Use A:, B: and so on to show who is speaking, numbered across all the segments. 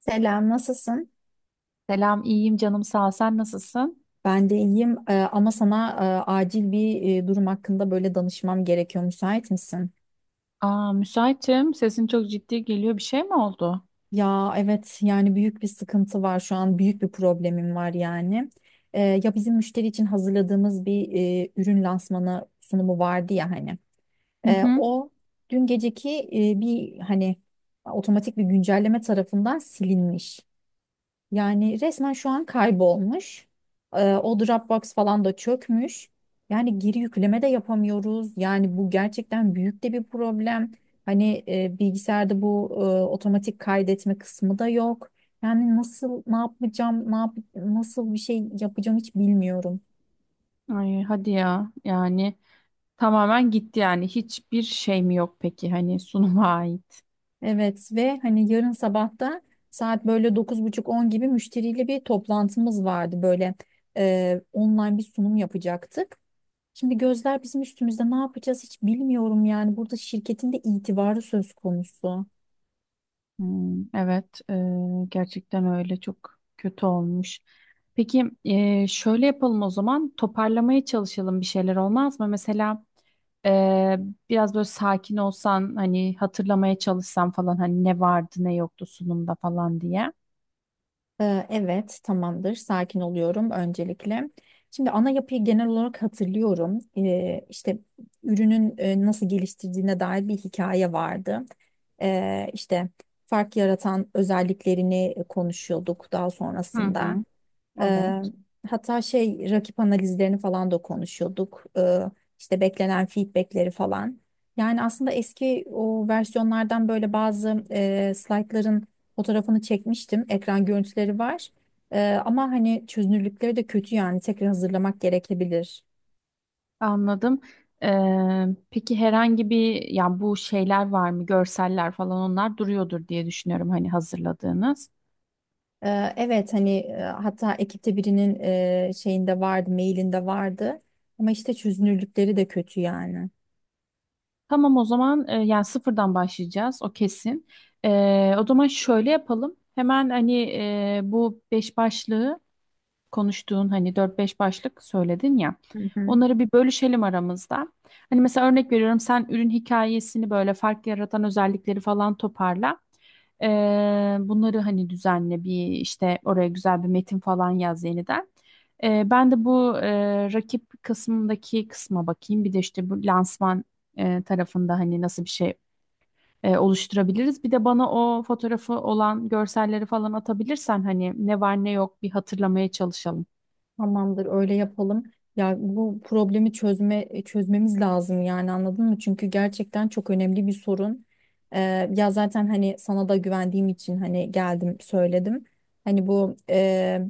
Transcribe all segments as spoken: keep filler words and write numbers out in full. A: Selam, nasılsın?
B: Selam, iyiyim canım sağ ol. Sen nasılsın?
A: Ben de iyiyim. Ee, ama sana e, acil bir e, durum hakkında böyle danışmam gerekiyor. Müsait misin?
B: Aa, müsaitim. Sesin çok ciddi geliyor. Bir şey mi oldu?
A: Ya evet yani büyük bir sıkıntı var şu an büyük bir problemim var yani. Ee, ya bizim müşteri için hazırladığımız bir e, ürün lansmanı sunumu vardı ya hani.
B: Hı
A: Ee,
B: hı.
A: o dün geceki e, bir hani otomatik bir güncelleme tarafından silinmiş. Yani resmen şu an kaybolmuş. Ee, o Dropbox falan da çökmüş. Yani geri yükleme de yapamıyoruz. Yani bu gerçekten büyük de bir problem. Hani e, bilgisayarda bu e, otomatik kaydetme kısmı da yok. Yani nasıl ne yapacağım, ne yap nasıl bir şey yapacağım hiç bilmiyorum.
B: Ay, hadi ya. Yani tamamen gitti yani. Hiçbir şey mi yok peki? Hani sunuma ait.
A: Evet ve hani yarın sabah da saat böyle dokuz buçuk on gibi müşteriyle bir toplantımız vardı. Böyle e, online bir sunum yapacaktık. Şimdi gözler bizim üstümüzde ne yapacağız hiç bilmiyorum yani. Burada şirketin de itibarı söz konusu.
B: Hmm, evet, e, gerçekten öyle çok kötü olmuş. Peki e, şöyle yapalım o zaman toparlamaya çalışalım bir şeyler olmaz mı? Mesela e, biraz böyle sakin olsan hani hatırlamaya çalışsan falan hani ne vardı ne yoktu sunumda falan diye.
A: Ee, evet tamamdır sakin oluyorum öncelikle. Şimdi ana yapıyı genel olarak hatırlıyorum. Ee, işte ürünün e, nasıl geliştirdiğine dair bir hikaye vardı. Ee, işte fark yaratan özelliklerini konuşuyorduk daha
B: Hı
A: sonrasında.
B: hı,
A: Eee,
B: evet.
A: Hatta şey rakip analizlerini falan da konuşuyorduk. Eee, işte beklenen feedbackleri falan. Yani aslında eski o versiyonlardan böyle bazı eee slaytların fotoğrafını çekmiştim. Ekran görüntüleri var. Eee, ama hani çözünürlükleri de kötü yani tekrar hazırlamak gerekebilir.
B: Anladım. Ee, peki herhangi bir ya bu şeyler var mı? Görseller falan onlar duruyordur diye düşünüyorum hani hazırladığınız.
A: Eee, evet hani eee, hatta ekipte birinin eee, şeyinde vardı, mailinde vardı. Ama işte çözünürlükleri de kötü yani.
B: Tamam o zaman e, yani sıfırdan başlayacağız o kesin. Ee, o zaman şöyle yapalım. Hemen hani e, bu beş başlığı konuştuğun hani dört beş başlık söyledin ya.
A: Hı hı.
B: Onları bir bölüşelim aramızda. Hani mesela örnek veriyorum sen ürün hikayesini böyle fark yaratan özellikleri falan toparla. Ee, bunları hani düzenle bir işte oraya güzel bir metin falan yaz yeniden. Ee, ben de bu e, rakip kısmındaki kısma bakayım. Bir de işte bu lansman e, tarafında hani nasıl bir şey e, oluşturabiliriz. Bir de bana o fotoğrafı olan görselleri falan atabilirsen hani ne var ne yok bir hatırlamaya çalışalım.
A: Tamamdır, öyle yapalım. Ya bu problemi çözme e, çözmemiz lazım yani anladın mı? Çünkü gerçekten çok önemli bir sorun. Ee, Ya zaten hani sana da güvendiğim için hani geldim söyledim. Hani bu e,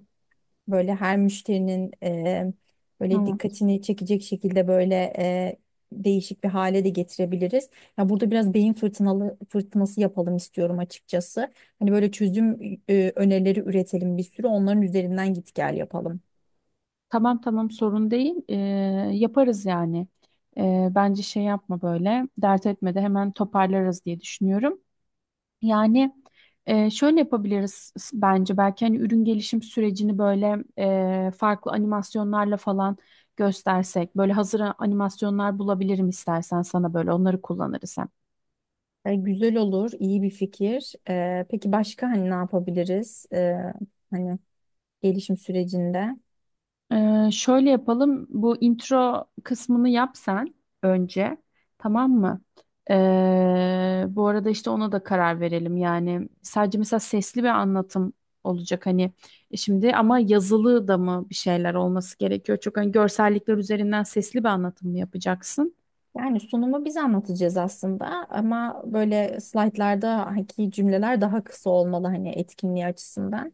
A: böyle her müşterinin e, böyle
B: Tamam
A: dikkatini çekecek şekilde böyle e, değişik bir hale de getirebiliriz. Ya burada biraz beyin fırtınalı fırtınası yapalım istiyorum açıkçası. Hani böyle çözüm e, önerileri üretelim bir sürü onların üzerinden git gel yapalım.
B: tamam tamam, sorun değil. Ee, yaparız yani. Ee, bence şey yapma böyle dert etme de hemen toparlarız diye düşünüyorum. Yani e, şöyle yapabiliriz s- bence belki hani ürün gelişim sürecini böyle e, farklı animasyonlarla falan göstersek. Böyle hazır animasyonlar bulabilirim istersen sana böyle onları kullanırız.
A: E, güzel olur, iyi bir fikir. E, peki başka hani ne yapabiliriz? E, hani gelişim sürecinde.
B: Ee, şöyle yapalım. Bu intro kısmını yap sen önce. Tamam mı? Ee, bu arada işte ona da karar verelim. Yani sadece mesela sesli bir anlatım olacak hani. E, şimdi ama yazılı da mı bir şeyler olması gerekiyor? Çok hani görsellikler üzerinden sesli bir anlatım mı yapacaksın?
A: Yani sunumu biz anlatacağız aslında ama böyle slaytlardaki cümleler daha kısa olmalı hani etkinliği açısından.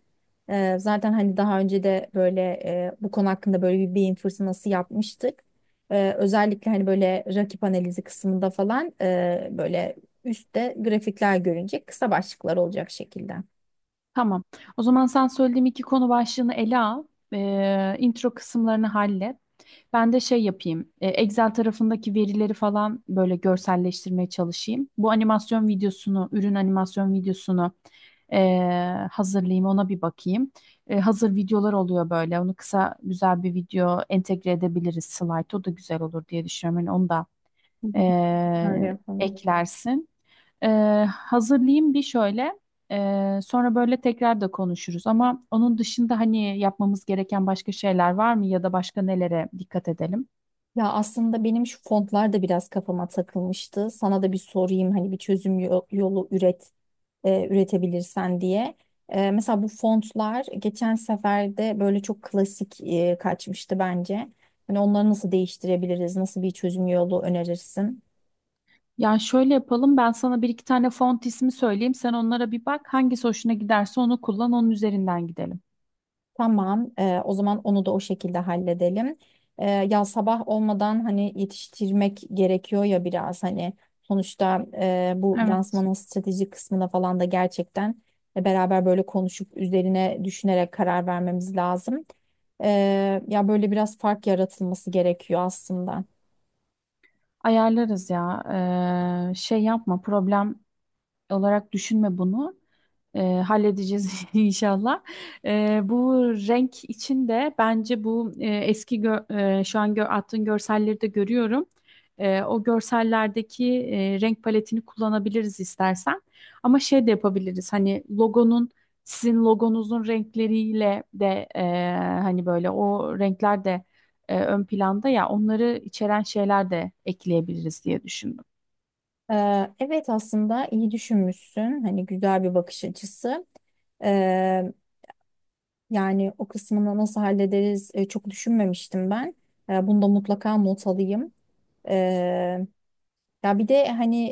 A: Ee, zaten hani daha önce de böyle e, bu konu hakkında böyle bir beyin fırtınası yapmıştık. Ee, özellikle hani böyle rakip analizi kısmında falan e, böyle üstte grafikler görünecek kısa başlıklar olacak şekilde. Hı
B: Tamam. O zaman sen söylediğim iki konu başlığını ele al. Ee, intro kısımlarını hallet. Ben de şey yapayım. e, Excel tarafındaki verileri falan böyle görselleştirmeye çalışayım. Bu animasyon videosunu, ürün animasyon videosunu e, hazırlayayım. Ona bir bakayım. E, hazır videolar oluyor böyle. Onu kısa güzel bir video entegre edebiliriz slide. O da güzel olur diye düşünüyorum. Yani onu da
A: hı, öyle
B: e,
A: yapalım.
B: eklersin. E, Hazırlayayım bir şöyle. E, sonra böyle tekrar da konuşuruz. Ama onun dışında hani yapmamız gereken başka şeyler var mı ya da başka nelere dikkat edelim?
A: Ya aslında benim şu fontlar da biraz kafama takılmıştı. Sana da bir sorayım hani bir çözüm yo- yolu üret e, üretebilirsen diye. E, mesela bu fontlar geçen sefer de böyle çok klasik e, kaçmıştı bence. Hani onları nasıl değiştirebiliriz? Nasıl bir çözüm yolu önerirsin?
B: Ya şöyle yapalım ben sana bir iki tane font ismi söyleyeyim sen onlara bir bak hangisi hoşuna giderse onu kullan onun üzerinden gidelim.
A: Tamam, e, o zaman onu da o şekilde halledelim. E, ya sabah olmadan hani yetiştirmek gerekiyor ya biraz hani sonuçta e, bu
B: Evet.
A: lansmanın strateji kısmına falan da gerçekten e, beraber böyle konuşup üzerine düşünerek karar vermemiz lazım. E, Ya böyle biraz fark yaratılması gerekiyor aslında.
B: Ayarlarız ya. Ee, şey yapma problem olarak düşünme bunu. Ee, halledeceğiz inşallah. Ee, bu renk için de bence bu e, eski gö- e, şu an gö attığın görselleri de görüyorum. Ee, o görsellerdeki e, renk paletini kullanabiliriz istersen. Ama şey de yapabiliriz. Hani logonun sizin logonuzun renkleriyle de e, hani böyle o renkler de e, ön planda ya onları içeren şeyler de ekleyebiliriz diye düşündüm.
A: Ee, evet aslında iyi düşünmüşsün. Hani güzel bir bakış açısı. Ee, Yani o kısmını nasıl hallederiz e, çok düşünmemiştim ben. Ee, bunu da mutlaka not alayım. Ee, Ya bir de hani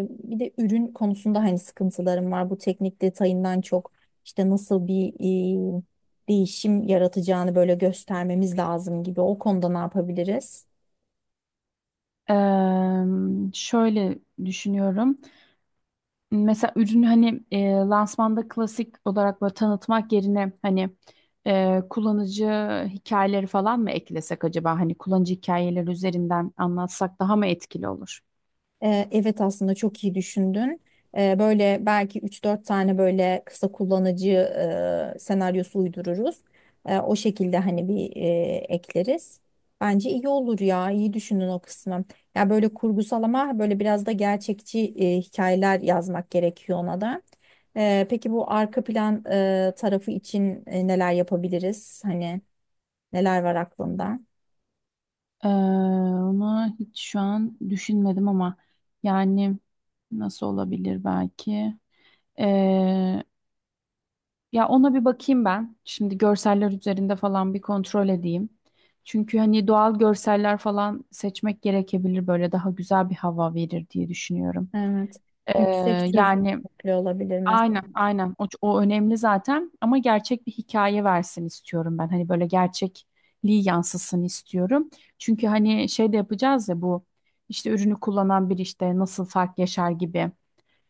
A: e, bir de ürün konusunda hani sıkıntılarım var. Bu teknik detayından çok işte nasıl bir e, değişim yaratacağını böyle göstermemiz lazım gibi. O konuda ne yapabiliriz?
B: Eee, Şöyle düşünüyorum. Mesela ürünü hani e, lansmanda klasik olarak böyle tanıtmak yerine hani e, kullanıcı hikayeleri falan mı eklesek acaba? Hani kullanıcı hikayeleri üzerinden anlatsak daha mı etkili olur?
A: Ee, Evet aslında çok iyi düşündün. Ee, Böyle belki üç dört tane böyle kısa kullanıcı e, senaryosu uydururuz. E, O şekilde hani bir e, ekleriz. Bence iyi olur ya. İyi düşündün o kısmı. Ya böyle kurgusal ama böyle biraz da gerçekçi e, hikayeler yazmak gerekiyor ona da. E, Peki bu arka plan e, tarafı için e, neler yapabiliriz? Hani neler var aklında?
B: Eee onu hiç şu an düşünmedim ama yani nasıl olabilir belki? Eee, Ya ona bir bakayım ben. Şimdi görseller üzerinde falan bir kontrol edeyim. Çünkü hani doğal görseller falan seçmek gerekebilir böyle daha güzel bir hava verir diye düşünüyorum.
A: Evet.
B: Ee,
A: Yüksek
B: Yani
A: çözünürlüklü olabilir mesela.
B: aynen aynen o, o önemli zaten ama gerçek bir hikaye versin istiyorum ben. Hani böyle gerçekliği yansısın istiyorum. Çünkü hani şey de yapacağız ya bu işte ürünü kullanan bir işte nasıl fark yaşar gibi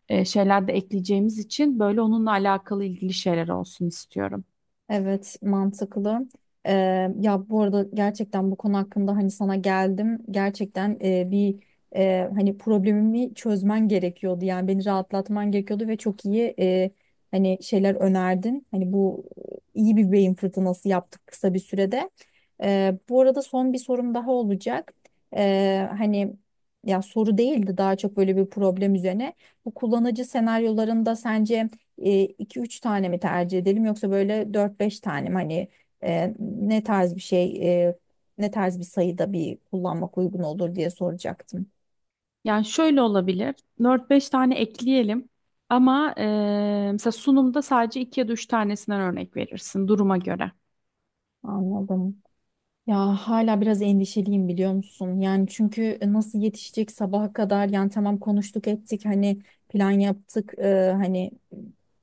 B: e, şeyler de ekleyeceğimiz için böyle onunla alakalı ilgili şeyler olsun istiyorum.
A: Evet, mantıklı. Ee, Ya bu arada gerçekten bu konu hakkında hani sana geldim. Gerçekten e, bir e, hani problemimi çözmen gerekiyordu. Yani beni rahatlatman gerekiyordu ve çok iyi e, hani şeyler önerdin. Hani bu iyi bir beyin fırtınası yaptık kısa bir sürede. Ee, bu arada son bir sorum daha olacak. Ee, hani ya soru değildi daha çok böyle bir problem üzerine. Bu kullanıcı senaryolarında sence iki üç tane mi tercih edelim yoksa böyle dört beş tane mi? Hani e, ne tarz bir şey, e, ne tarz bir sayıda bir kullanmak uygun olur diye soracaktım.
B: Yani şöyle olabilir. Dört beş tane ekleyelim. Ama eee, mesela sunumda sadece iki ya da üç tanesinden örnek verirsin duruma göre.
A: Anladım. Ya hala biraz endişeliyim biliyor musun? Yani çünkü e, nasıl yetişecek sabaha kadar yani tamam konuştuk ettik hani plan yaptık e, hani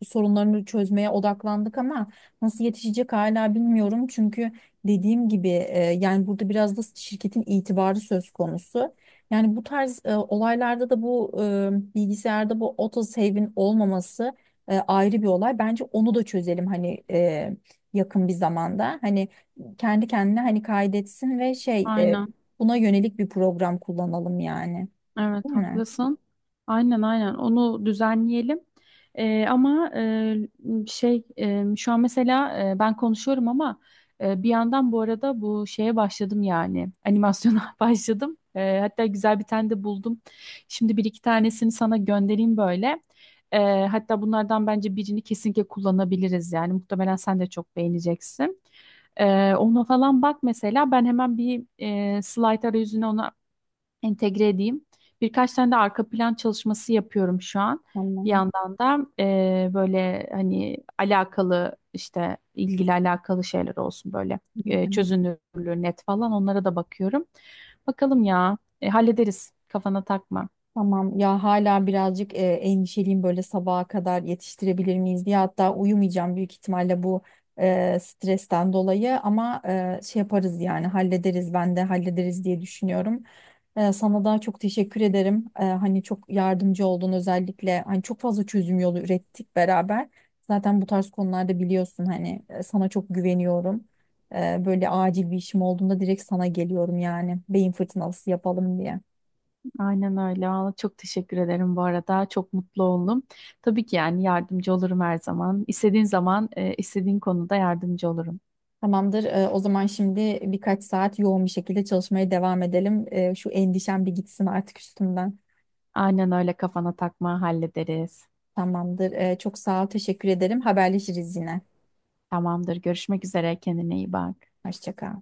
A: sorunlarını çözmeye odaklandık ama nasıl yetişecek hala bilmiyorum. Çünkü dediğim gibi e, yani burada biraz da şirketin itibarı söz konusu. Yani bu tarz e, olaylarda da bu e, bilgisayarda bu autosave'in olmaması e, ayrı bir olay. Bence onu da çözelim hani e, yakın bir zamanda. Hani kendi kendine hani kaydetsin ve şey e,
B: Aynen.
A: buna yönelik bir program kullanalım yani.
B: Evet
A: Değil mi?
B: haklısın. Aynen aynen onu düzenleyelim. Ee, ama e, şey e, şu an mesela e, ben konuşuyorum ama e, bir yandan bu arada bu şeye başladım yani animasyona başladım. E, hatta güzel bir tane de buldum. Şimdi bir iki tanesini sana göndereyim böyle. E, hatta bunlardan bence birini kesinlikle kullanabiliriz yani muhtemelen sen de çok beğeneceksin. E, ona falan bak mesela ben hemen bir e, slide arayüzüne ona entegre edeyim. Birkaç tane de arka plan çalışması yapıyorum şu an. Bir
A: Tamam.
B: yandan da e, böyle hani alakalı işte ilgili alakalı şeyler olsun böyle e, çözünürlüğü net falan onlara da bakıyorum. Bakalım ya. E, hallederiz kafana takma.
A: Tamam ya hala birazcık e, endişeliyim böyle sabaha kadar yetiştirebilir miyiz diye hatta uyumayacağım büyük ihtimalle bu e, stresten dolayı ama e, şey yaparız yani hallederiz ben de hallederiz diye düşünüyorum. E, sana da çok teşekkür ederim. E, hani çok yardımcı oldun özellikle hani çok fazla çözüm yolu ürettik beraber. Zaten bu tarz konularda biliyorsun hani e, sana çok güveniyorum. E, böyle acil bir işim olduğunda direkt sana geliyorum yani beyin fırtınası yapalım diye.
B: Aynen öyle. Valla çok teşekkür ederim bu arada. Çok mutlu oldum. Tabii ki yani yardımcı olurum her zaman. İstediğin zaman, e, istediğin konuda yardımcı olurum.
A: Tamamdır. Ee, o zaman şimdi birkaç saat yoğun bir şekilde çalışmaya devam edelim. Ee, şu endişem bir gitsin artık üstümden.
B: Aynen öyle kafana takma hallederiz.
A: Tamamdır. Ee, çok sağ ol, teşekkür ederim. Haberleşiriz yine.
B: Tamamdır. Görüşmek üzere. Kendine iyi bak.
A: Hoşça kal.